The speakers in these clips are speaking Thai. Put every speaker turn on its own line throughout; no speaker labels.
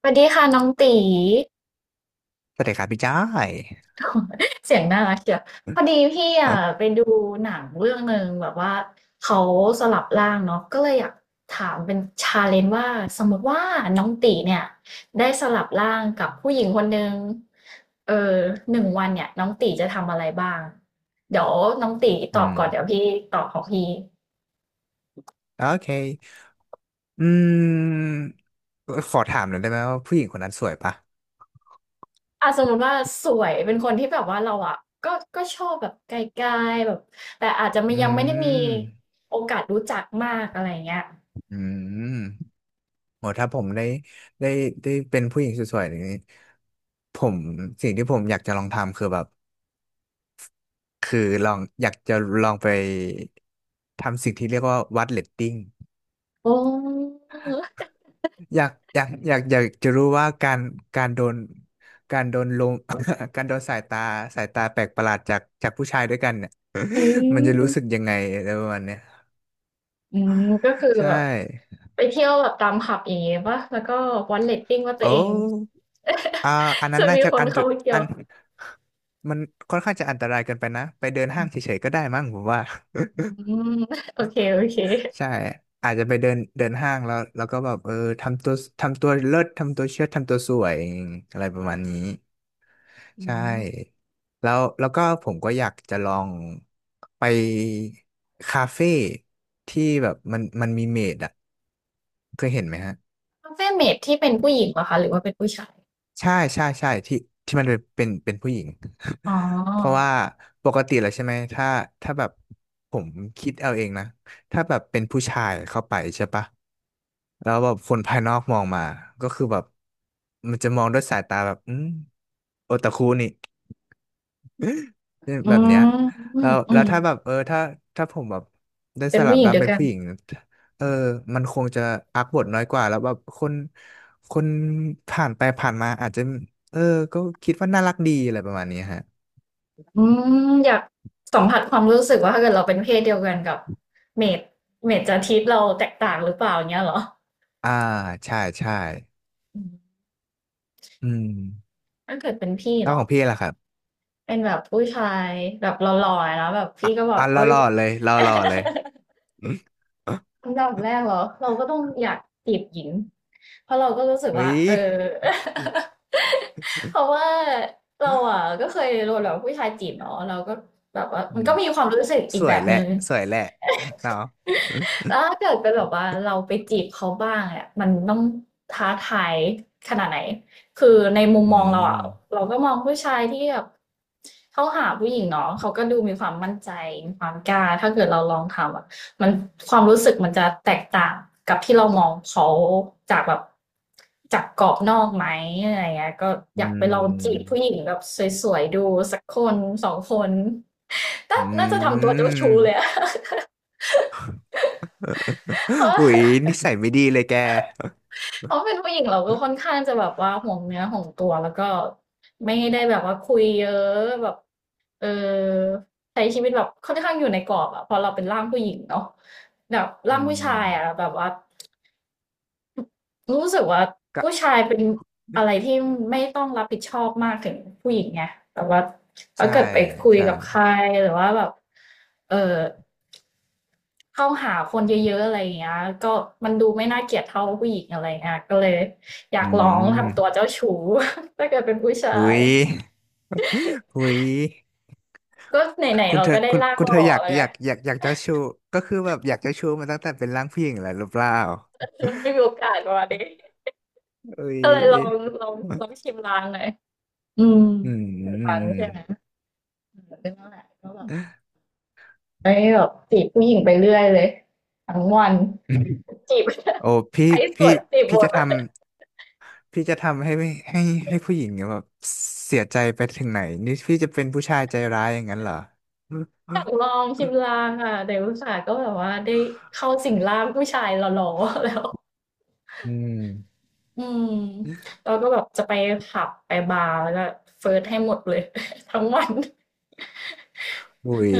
สวัสดีค่ะน้องตี
สวัสดีครับพี่จ้อย
เสียงน่ารักเชียวพอดีพี่อ่ะ
อ
ไปดูหนังเรื่องหนึ่งแบบว่าเขาสลับร่างเนาะก็เลยอยากถามเป็นชาเลนจ์ว่าสมมติว่าน้องตีเนี่ยได้สลับร่างกับผู้หญิงคนหนึ่งเออหนึ่งวันเนี่ยน้องตีจะทำอะไรบ้างเดี๋ยวน้องตีต
อื
อบ
ม
ก่อนเดี๋ยวพี่ตอบของพี่
โอเคอืมขอถามหน่อยได้ไหมว่าผู้หญิงคนนั้นสวยปะ
อ่ะสมมติว่าสวยเป็นคนที่แบบว่าเราอะก็ก็ชอบแบบไกลๆแบบแต่อาจจะไม่
อื
ยังไม่ได้มี
ม
โอกาสรู้จักมากอะไรเงี้ย
อืมโหถ้าผมได้ได้เป็นผู้หญิงสวยๆอย่างนี้ผมสิ่งที่ผมอยากจะลองทำคือแบบคือลองอยากจะลองไปทำสิ่งที่เรียกว่าวัดเรตติ้ง
โออ
อยากจะรู้ว่าการการโดนการโดนลม การโดนสายตาสายตาแปลกประหลาดจากผู้ชายด้วยกันเนี่ย
ื
มันจะรู้
ม
สึกยังไงอะไรประมาณเนี้ย
อืมก็คือ
ใช่
แบบไปเที่ยวแบบตามผับอย่างเงี้เป่ะแล้วก็วัดเรตติงว่าตั
โอ
วเอง
้อ่าอัน นั้
จะ
นน่า
มี
จะ
คน
อันตร
เข้าไปเที่ย
อั
ว
นมันค่อนข้างจะอันตรายเกินไปนะไปเดินห้างเฉยๆก็ได้มั้งผมว่า
อืมโอเคโอเค
ใช่อาจจะไปเดินเดินห้างแล้วแล้วก็แบบทำตัวทำตัวเลิศทำตัวเชิดทำตัวสวยอะไรประมาณนี้
อื
ใช่
ม
แล้วแล้วก็ผมก็อยากจะลองไปคาเฟ่ที่แบบมันมีเมดอ่ะเคยเห็นไหมฮะ
h า u ฟ e m a ที่เป็นผู้หญิงเหรอคะหรือว่าเป็นผู้ชาย
ใช่ใช่ใช่ที่ที่มันเป็นผู้หญิง
อ๋อ
เพราะว่าปกติแล้วใช่ไหมถ้าแบบผมคิดเอาเองนะถ้าแบบเป็นผู้ชายเข้าไปใช่ปะแล้วแบบคนภายนอกมองมาก็คือแบบมันจะมองด้วยสายตาแบบอืมโอตาคุนี่
อื
แบบเนี้ย
มอื
แล้
ม
ว
อื
แล้ว
ม
ถ้าแบบถ้าผมแบบได้
เป็
ส
น
ลั
ผู้
บ
หญิง
ร่า
เด
ง
ยว
เป็น
กัน
ผู้หญิงเออมันคงจะอักบทน้อยกว่าแล้วแบบคนคนผ่านไปผ่านมาอาจจะเออก็คิดว่าน่ารักดีอะไรประมาณนี้ฮะ
อืมอยากสัมผัสความรู้สึกว่าถ้าเกิดเราเป็นเพศเดียวกันกับเมดเมดจะทิตเราแตกต่างหรือเปล่าอย่างเงี้ยเหรอ
อ่าใช่ใช่
อืม
อืม
ถ้าเกิดเป็นพี่
แล้วข
เนาะ
องพี่ล่ะครับ
เป็นแบบผู้ชายแบบหล่อๆแล้วแบบพี่ก็แบ
อ่ะ
บ
ร
เอ้
อ
ย
รอๆเลยรอรอเลย
อันดับแรกเหรอเราก็ต้องอยากจีบหญิงเพราะเราก็รู้สึก
เฮ้
ว่า
ย
เออ เพราะว่าเราอ่ะก็เคยโดนแบบผู้ชายจีบเนาะเราก็แบบว่า
อื
มัน
ม
ก็มีความรู้สึกอี
ส
กแบ
วย
บ
แหละ
นึง
สวยแหละเนาะ
แล้วถ้าเกิดเป็นแบบว่าเราไปจีบเขาบ้างเนี่ยมันต้องท้าทายขนาดไหนคือในมุม
อื
มองเราอะ
ม
เราก็มองผู้ชายที่แบบเขาหาผู้หญิงเนาะเขาก็ดูมีความมั่นใจมีความกล้าถ้าเกิดเราลองทำอะมันความรู้สึกมันจะแตกต่างกับที่เรามองเขาจากแบบจากกรอบนอกไหมอะไรเงี้ยก็อ
อื
ยากไปลองจีบ
ม
ผู้หญิงแบบสวยๆดูสักคนสองคนน่า
อ
น่าจะ
ื
ทำตัวเจ้าชู้เล
ม
ยอะ เพราะ
อุ๊ย
ว่า
นิสัยไม่ดีเลยแก
เพราะเป็นผู้หญิงเราก็ค่อนข้างจะแบบว่าห่วงเนื้อห่วงตัวแล้วก็ไม่ได้แบบว่าคุยเยอะแบบเออใช้ชีวิตแบบค่อนข้างอยู่ในกรอบอะพอเราเป็นร่างผู้หญิงเนาะแบบ
อื
ร่างผู้ชา
ม
ยอะแบบว่ารู้สึกว่า
ก็
ผู้ชายเป็นอะไรที่ไม่ต้องรับผิดชอบมากถึงผู้หญิงไงแบบว่าถ้า
ใช่
เกิดไปคุย
ใช่
กับใครหรือว่าแบบเออ เข้าหาคนเยอะๆอะไรอย่างเงี้ยก็มันดูไม่น่าเกลียดเท่าผู้หญิงอะไรเงี้ยก็เลยอยา
อื
กลอง
ม
ทำตัวเจ้าชู้ ถ้าเกิดเป็นผู้ชา
อุ๊
ย
ยอุ๊ย
ก็ไหนๆ
คุณ
เรา
เธอ
ก็ได้
คุณ
ร่างหล่
เธ
อ
ออยาก
แล้วไง
อยากจะชูก็คือแบบอยากจะชูมาตั้งแต่เป็นร่างผู้หญิงแล้วหรือเปล่า
ไม่มีโอกาสประมาด้
อุ๊ย
ก็เลยลองลองชิมลางหน่อยอืม
อื
ถึงวัน
ม
ใช่ไหมอืมก็นั่นแหละก็แบบได้แบบจีบผู้หญิงไปเรื่อยเลยทั้งวันจีบ
โอ้ พี่
ใครส
พี่
วยจีบห
พี่
มด
จะท ำพี่จะทำให้ให้ผู้หญิงแบบเสียใจไปถึงไหนนี่พี่จะเป็นผู้ชายใจร้ายอย่างนั้นเหรอ
อยากลองชิมลางอ่ะแต่อุตส่าห์ก็แบบว่าได้เข้าสิงร่างผู้ชายหล่อๆแล้ว
อืม
อืมเราก็แบบจะไปผับไปบาร์แล้วก็เฟิร์สให้หมดเลย ทั้งวัน
อุ๋ย
เออ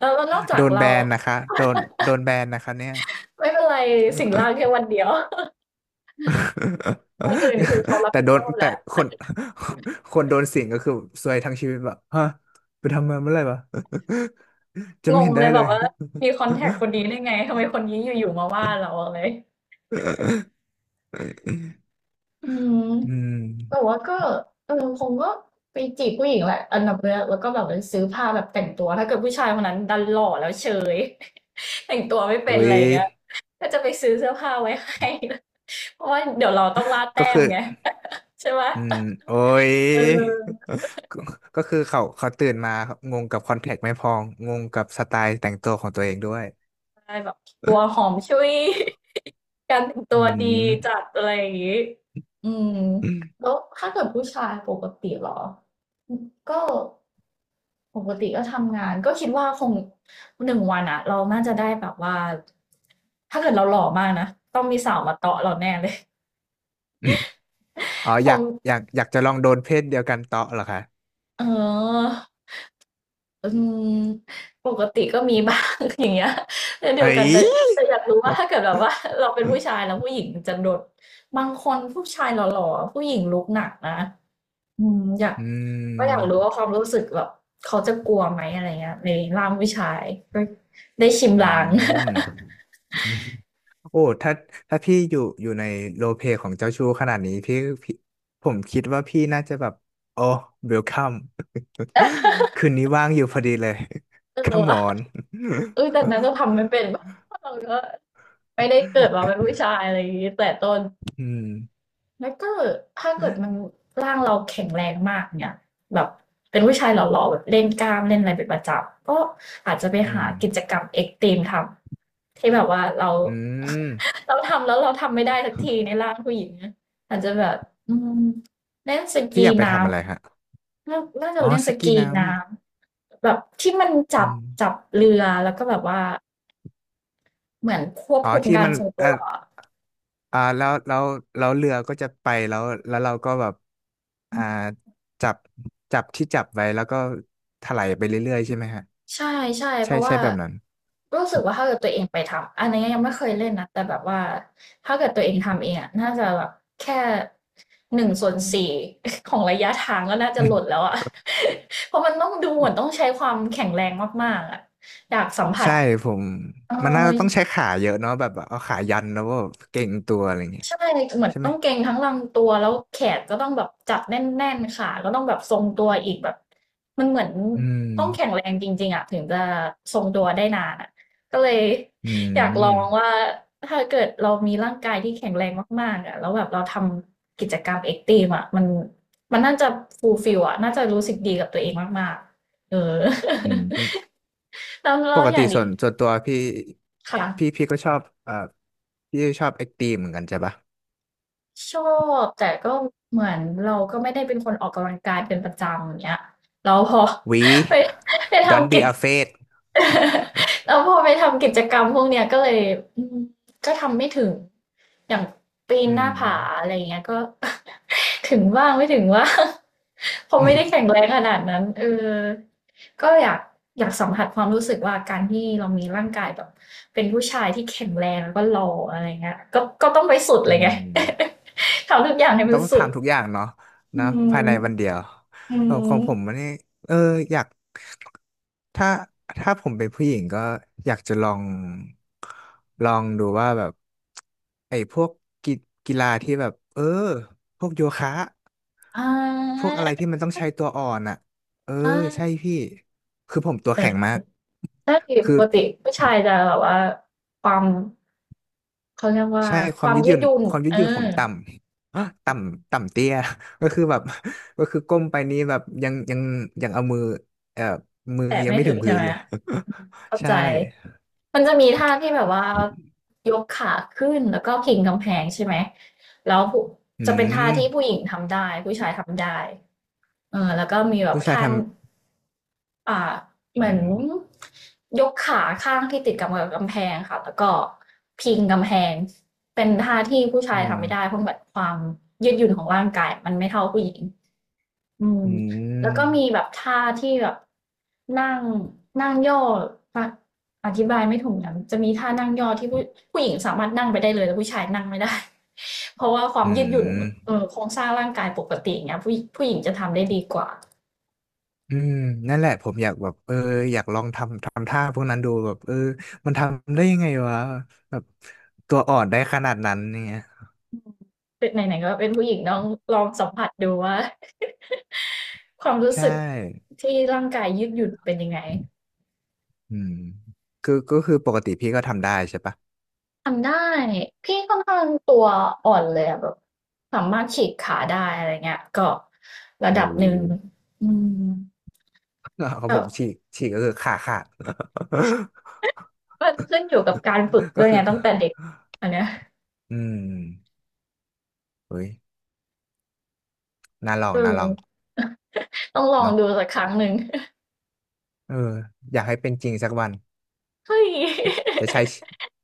แล้วนอกจา
โด
ก
นแบ
เรา
นนะคะโดนแบนนะคะเนี่ย
ไม่เป็นไรสิ่งล่างแค่วันเดียว คนอื่นคือเขารั บ
แต่
ผิด
โด
ช
น
อบ
แต่
แล้ว
คนคนโดนสิงก็คือซวยทั้งชีวิตแบบฮะไปทำมาเมื่อไหร่วะ จะ
ง
ไม่
ง
เห็น
เล
ได้
ยแบ
เล
บ
ย
ว่ามีคอนแทคคนนี้ได้ไงทำไมคนนี้อยู่ๆมาว่าเราอะไร อืม
อืม
แต่ว่าก็เออคงก็ไปจีบผู้หญิงแหละอันดับแรกแล้วก็แบบไปซื้อผ้าแบบแต่งตัวถ้าเกิดผู้ชายคนนั้นดันหล่อแล้วเฉย แต่งตัวไม่เป็
อุ้
นอะไร
ย
อย่างเงี้ยก็จะไปซื้อเสื้อผ้าไว้ให้ เพราะว่าเดี๋ยวเราต้องล่า
ก็
แต้ม
คือ
ไง ใช่ไหม
อืมโอ้ย
เออ
ก็ก็คือเขาตื่นมาครับงงกับคอนแทคไม่พองงงกับสไตล์แต่งตัวของตัวเองด้วย
ใช่แบบตัวหอมชุย การแต่งตั
อื
วดี
ม
จัดอะไรอย่างนี้อืมแล้วถ้าเกิดผู้ชายปกติเหรอก็ปกติก็ทำงานก็คิดว่าคงหนึ่งวันอะเราน่าจะได้แบบว่าถ้าเกิดเราหล่อมากนะต้องมีสาวมาเตาะเราแน่เลย
อ๋อ
ค
อยาก
ง
อยากจะลองโดนเพศเดียวกันเตาะเหรอคะ
เออ อืมปกติก็มีบ้าง อย่างเงี้ยเช่นเดียว
เอ้
กันแต่
ย
แต่อยากรู้ว่าถ้าเกิดแบบว่าเราเป็นผู้ชายแล้วผู้หญิงจะโดนบางคนผู้ชายหล่อๆอะผู้หญิงลุกหนักนะอืมอยาก
อื
ก็อยากรู้
ม
ว่าความรู้สึกแบบเขาจะกลัวไหมอะไรเงี้ยในร่างผู้ชายก็ได้ชิม
อื
ลาง
มอืมโอ้ถ้าพี่อยู่ในโรลเพลย์ของเจ้าชู้ขนาดนี้พี่พี่ผมคิดว่าพี่น่าจะแบบโอ้เวลคัม คืนนี้ว่างอยู่พอดีเลย
เออ
Come
ว่ะ
on
อุ๊ยแต่นั้นก็ทำไม่เป็น เพราะเราก็ไม่ได้เกิดมาเป็นผู้ชายอะไรอย่างงี้แต่ต้น
อืม
แล้วก็ถ้าเกิดมันร่างเราแข็งแรงมากเนี่ยแบบเป็นผู้ชายหล่อๆแบบเล่นกล้ามเล่นอะไรเป็นประจำก็อาจจะไป
อื
หา
ม
กิจกรรมเอ็กซ์ตรีมทำที่แบบว่าเรา
อืม
เราทำแล้วเราทำไม่ได้สักทีในร่างผู้หญิงนะอาจจะแบบอืมเล่นส
พี่
กี
อยากไป
น้
ทำอะไรฮะ
ำน่าจะ
อ๋อ
เล่น
ส
ส
กี
กี
น้
น้ำแบบที่มัน
ำ
จั
อื
บ
ม
จับเรือแล้วก็แบบว่าเหมือนควบ
อ๋อ
คุม
ที่
การ
มัน
ทรง
เอ่
ตั
อ
ว
อ่าแล้วแล้วแล้วเรือก็จะไปแล้วแล้วเราก็แบบอ่าจับที่จับไว้แล้วก็ถลายไปเรื่อยๆใช่ไหมฮะ
ใช่ใช่เพ
ใช่
ราะ
ใช่
ว่า
แบบนั้น
รู้สึกว่าถ้าเกิดตัวเองไปทำอันนี้ยังไม่เคยเล่นนะแต่แบบว่าถ้าเกิดตัวเองทำเองอะน่าจะแบบแค่1/4 ของระยะทางก็น่าจะหล่นแล้วอะ เพราะมันต้องดูเหมือนต้องใช้ความแข็งแรงมากๆอะอยากสัม ผัส
ใช่ผม
เออ
มันน่าจะต้องใช้ขาเยอะเนาะแบบเอาขายันแล้วก็เก่งตัวอะไรเงี้ย
ใช่เหมือน
ใช่ไหม
ต้องเกร็งทั้งลำตัวแล้วแขนก็ต้องแบบจับแน่นๆขาก็ต้องแบบทรงตัวอีกแบบมันเหมือน
อื
ต้องแข็
ม
งแรงจริงๆอ่ะถึงจะทรงตัวได้นานอ่ะก็เลย
อื
อยากลอ
ม
งว่าถ้าเกิดเรามีร่างกายที่แข็งแรงมากๆอ่ะแล้วแบบเราทำกิจกรรมเอ็กซ์ตรีมอ่ะมันน่าจะฟูลฟิลอ่ะน่าจะรู้สึกดีกับตัวเองมากๆเออ
อืม
แล้วแล้
ป
ว
ก
อ
ติ
ย่างนี้
ส่วนตัวพี่
ค่ะ
พี่ก็ชอบพี่ชอบเอ็กตีเหมือนกันใช่ปะ
ชอบแต่ก็เหมือนเราก็ไม่ได้เป็นคนออกกำลังกายเป็นประจำอย่างเงี้ยเราพอ ไป
We
ไป
don't
ทำกิ
be
จ
afraid
แล้วพอไปทำกิจกรรมพวกเนี้ยก็เลยอืมก็ทำไม่ถึงอย่างปีน
อื
หน้า
ม
ผาอะไรอย่างเงี้ยก็ ถึงบ้างไม่ถึงว่าง เพราะไม่ได้แข็งแรงขนาดนั้น เออก็อยากสัมผัสความรู้สึกว่าการที่เรามีร่างกายแบบเป็นผู้ชายที่แข็งแรงแล้วก็หล่ออะไรเงี้ยก็ต้องไปสุด
อื
เลยไง
ม
ทำทุกอย่างให้มั
ต้
น
อง
สุด
ทำทุกอย่างเนาะ
อื
นะ
ม
ภายในวันเดียว
อื
เออของ
ม
ผมมันนี่เอออยากถ้าผมเป็นผู้หญิงก็อยากจะลองลองดูว่าแบบไอ้พวกกีฬาที่แบบพวกโยคะ
อ่
พว
า
กอะไรที่มันต้องใช้ตัวอ่อนอ่ะเออ
อ่
ใช่
า
พี่คือผมตัวแข็งมาก
ใช่ป
คือ
กติผู้ชายจะแบบว่าความเขาเรียกว่า
ใช่ค
ค
วาม
วาม
ยืดห
ยื
ยุ่
ด
น
หยุ่น
ความยืด
เอ
หยุ่นผ
อ
มต่ำ ฮะต่ำต่ำเตี้ย ก็คือแบบ ก็คือก้มไปนี้แบบยังเอามือเอ่อมือ
แต่
ยัง
ไม่
ไม่
ถึ
ถึ
ง
ง
ใช่
พื้น
ไหม
เลย
เข้า
ใช่
ใจมันจะมีท่าที่แบบว่ายกขาขึ้นแล้วก็พิงกำแพงใช่ไหมแล้วผู้
อื
จะเป็นท่าที่ผู้ห
ม
ญิงทำได้ผู้ชายทำได้เออแล้วก็มีแบบ
ผู้ชาย
ท่า
ท
อ่าเห
ำ
มื
อื
อน
ม
ยกขาข้างที่ติดกับกำแพงค่ะแล้วก็พิงกำแพงเป็นท่าที่ผู้ชา
อื
ย
ม
ทำไม่ได้เพราะแบบความยืดหยุ่นของร่างกายมันไม่เท่าผู้หญิงอืม
อื
แล้วก็มีแบ
ม
บท่าที่แบบนั่งนั่งย่ออะอธิบายไม่ถูกนะจะมีท่านั่งย่อที่ผู้หญิงสามารถนั่งไปได้เลยแต่ผู้ชายนั่งไม่ได้ เพราะว่าควา
อื
มยืดหยุ่นเอ
ม
อโครงสร้างร่างกายปกติอย่างเงี้ยผู้หญิงจะทำได้ดีกว่า
อืมนั่นแหละผมอยากแบบเอออยากลองทำท่าพวกนั้นดูแบบเออมันทำได้ยังไงวะแบบตัวอ่อนได้ขนาดนั้นเนี่ย
เป็นไหนๆก็เป็นผู้หญิงต้องลองสัมผัสดูว่า ความรู้
ใช่
สึกที่ร่างกายยืดหยุ่นเป็นยังไง
อืมคือก็คือปกติพี่ก็ทำได้ใช่ปะ
ทำได้พี่ค่อนข้างตัวอ่อนเลยอะแบบสามารถฉีกขาได้อะไรเงี้ยก็ระดั
โอ้
บ
โห
หนึ่งอืม
ของ
ก็
ผมฉีกก็คือขาขาด
มันขึ้นอยู่กับการฝึก ด้
ก็
วย
คื
ไง
อ
ตั้งแต่เด็กอันเนี้ย
อืมเฮ้ยน่าลอ
เอ
ง
อ
น่าลอง
ต้องลอง
เนาะ
ดูสักครั้งหนึ่ง
เอออยากให้เป็นจริงสักวัน
เฮ้ย
จะใช้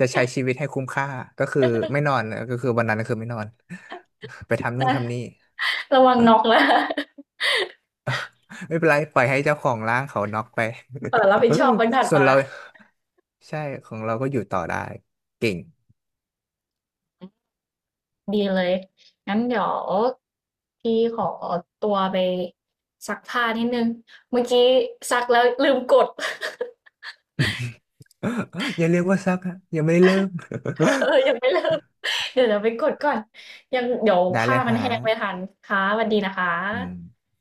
ชีวิตให้คุ้มค่าก็คือไม่นอนก็คือวันนั้นก็คือไม่นอน ไปทำนู่นทำนี่
ระวัง น็อกนะ
ไม่เป็นไรปล่อยให้เจ้าของร้างเขาน็อกไป
เออรับผิดชอบวันถั ด
ส่วน
มา
เราใช่ของเราก็อยู่ต่อได้เก่ง
ดีเลย งั้นเดี๋ยวพี่ขอตัวไปซักผ้านิดนึงเมื่อกี้ซักแล้วลืมกด
อย่าเรียกว่าซักฮะยังไม่ไเริ่ม
เออยังไม่เริ่มเดี๋ยวไปกดก่อน ยังเดี๋ยว
ได้เล
ผ้า
ย
มัน
ฮะ
แห้งไม่ทันค่ะสวัสดีนะคะ
อืม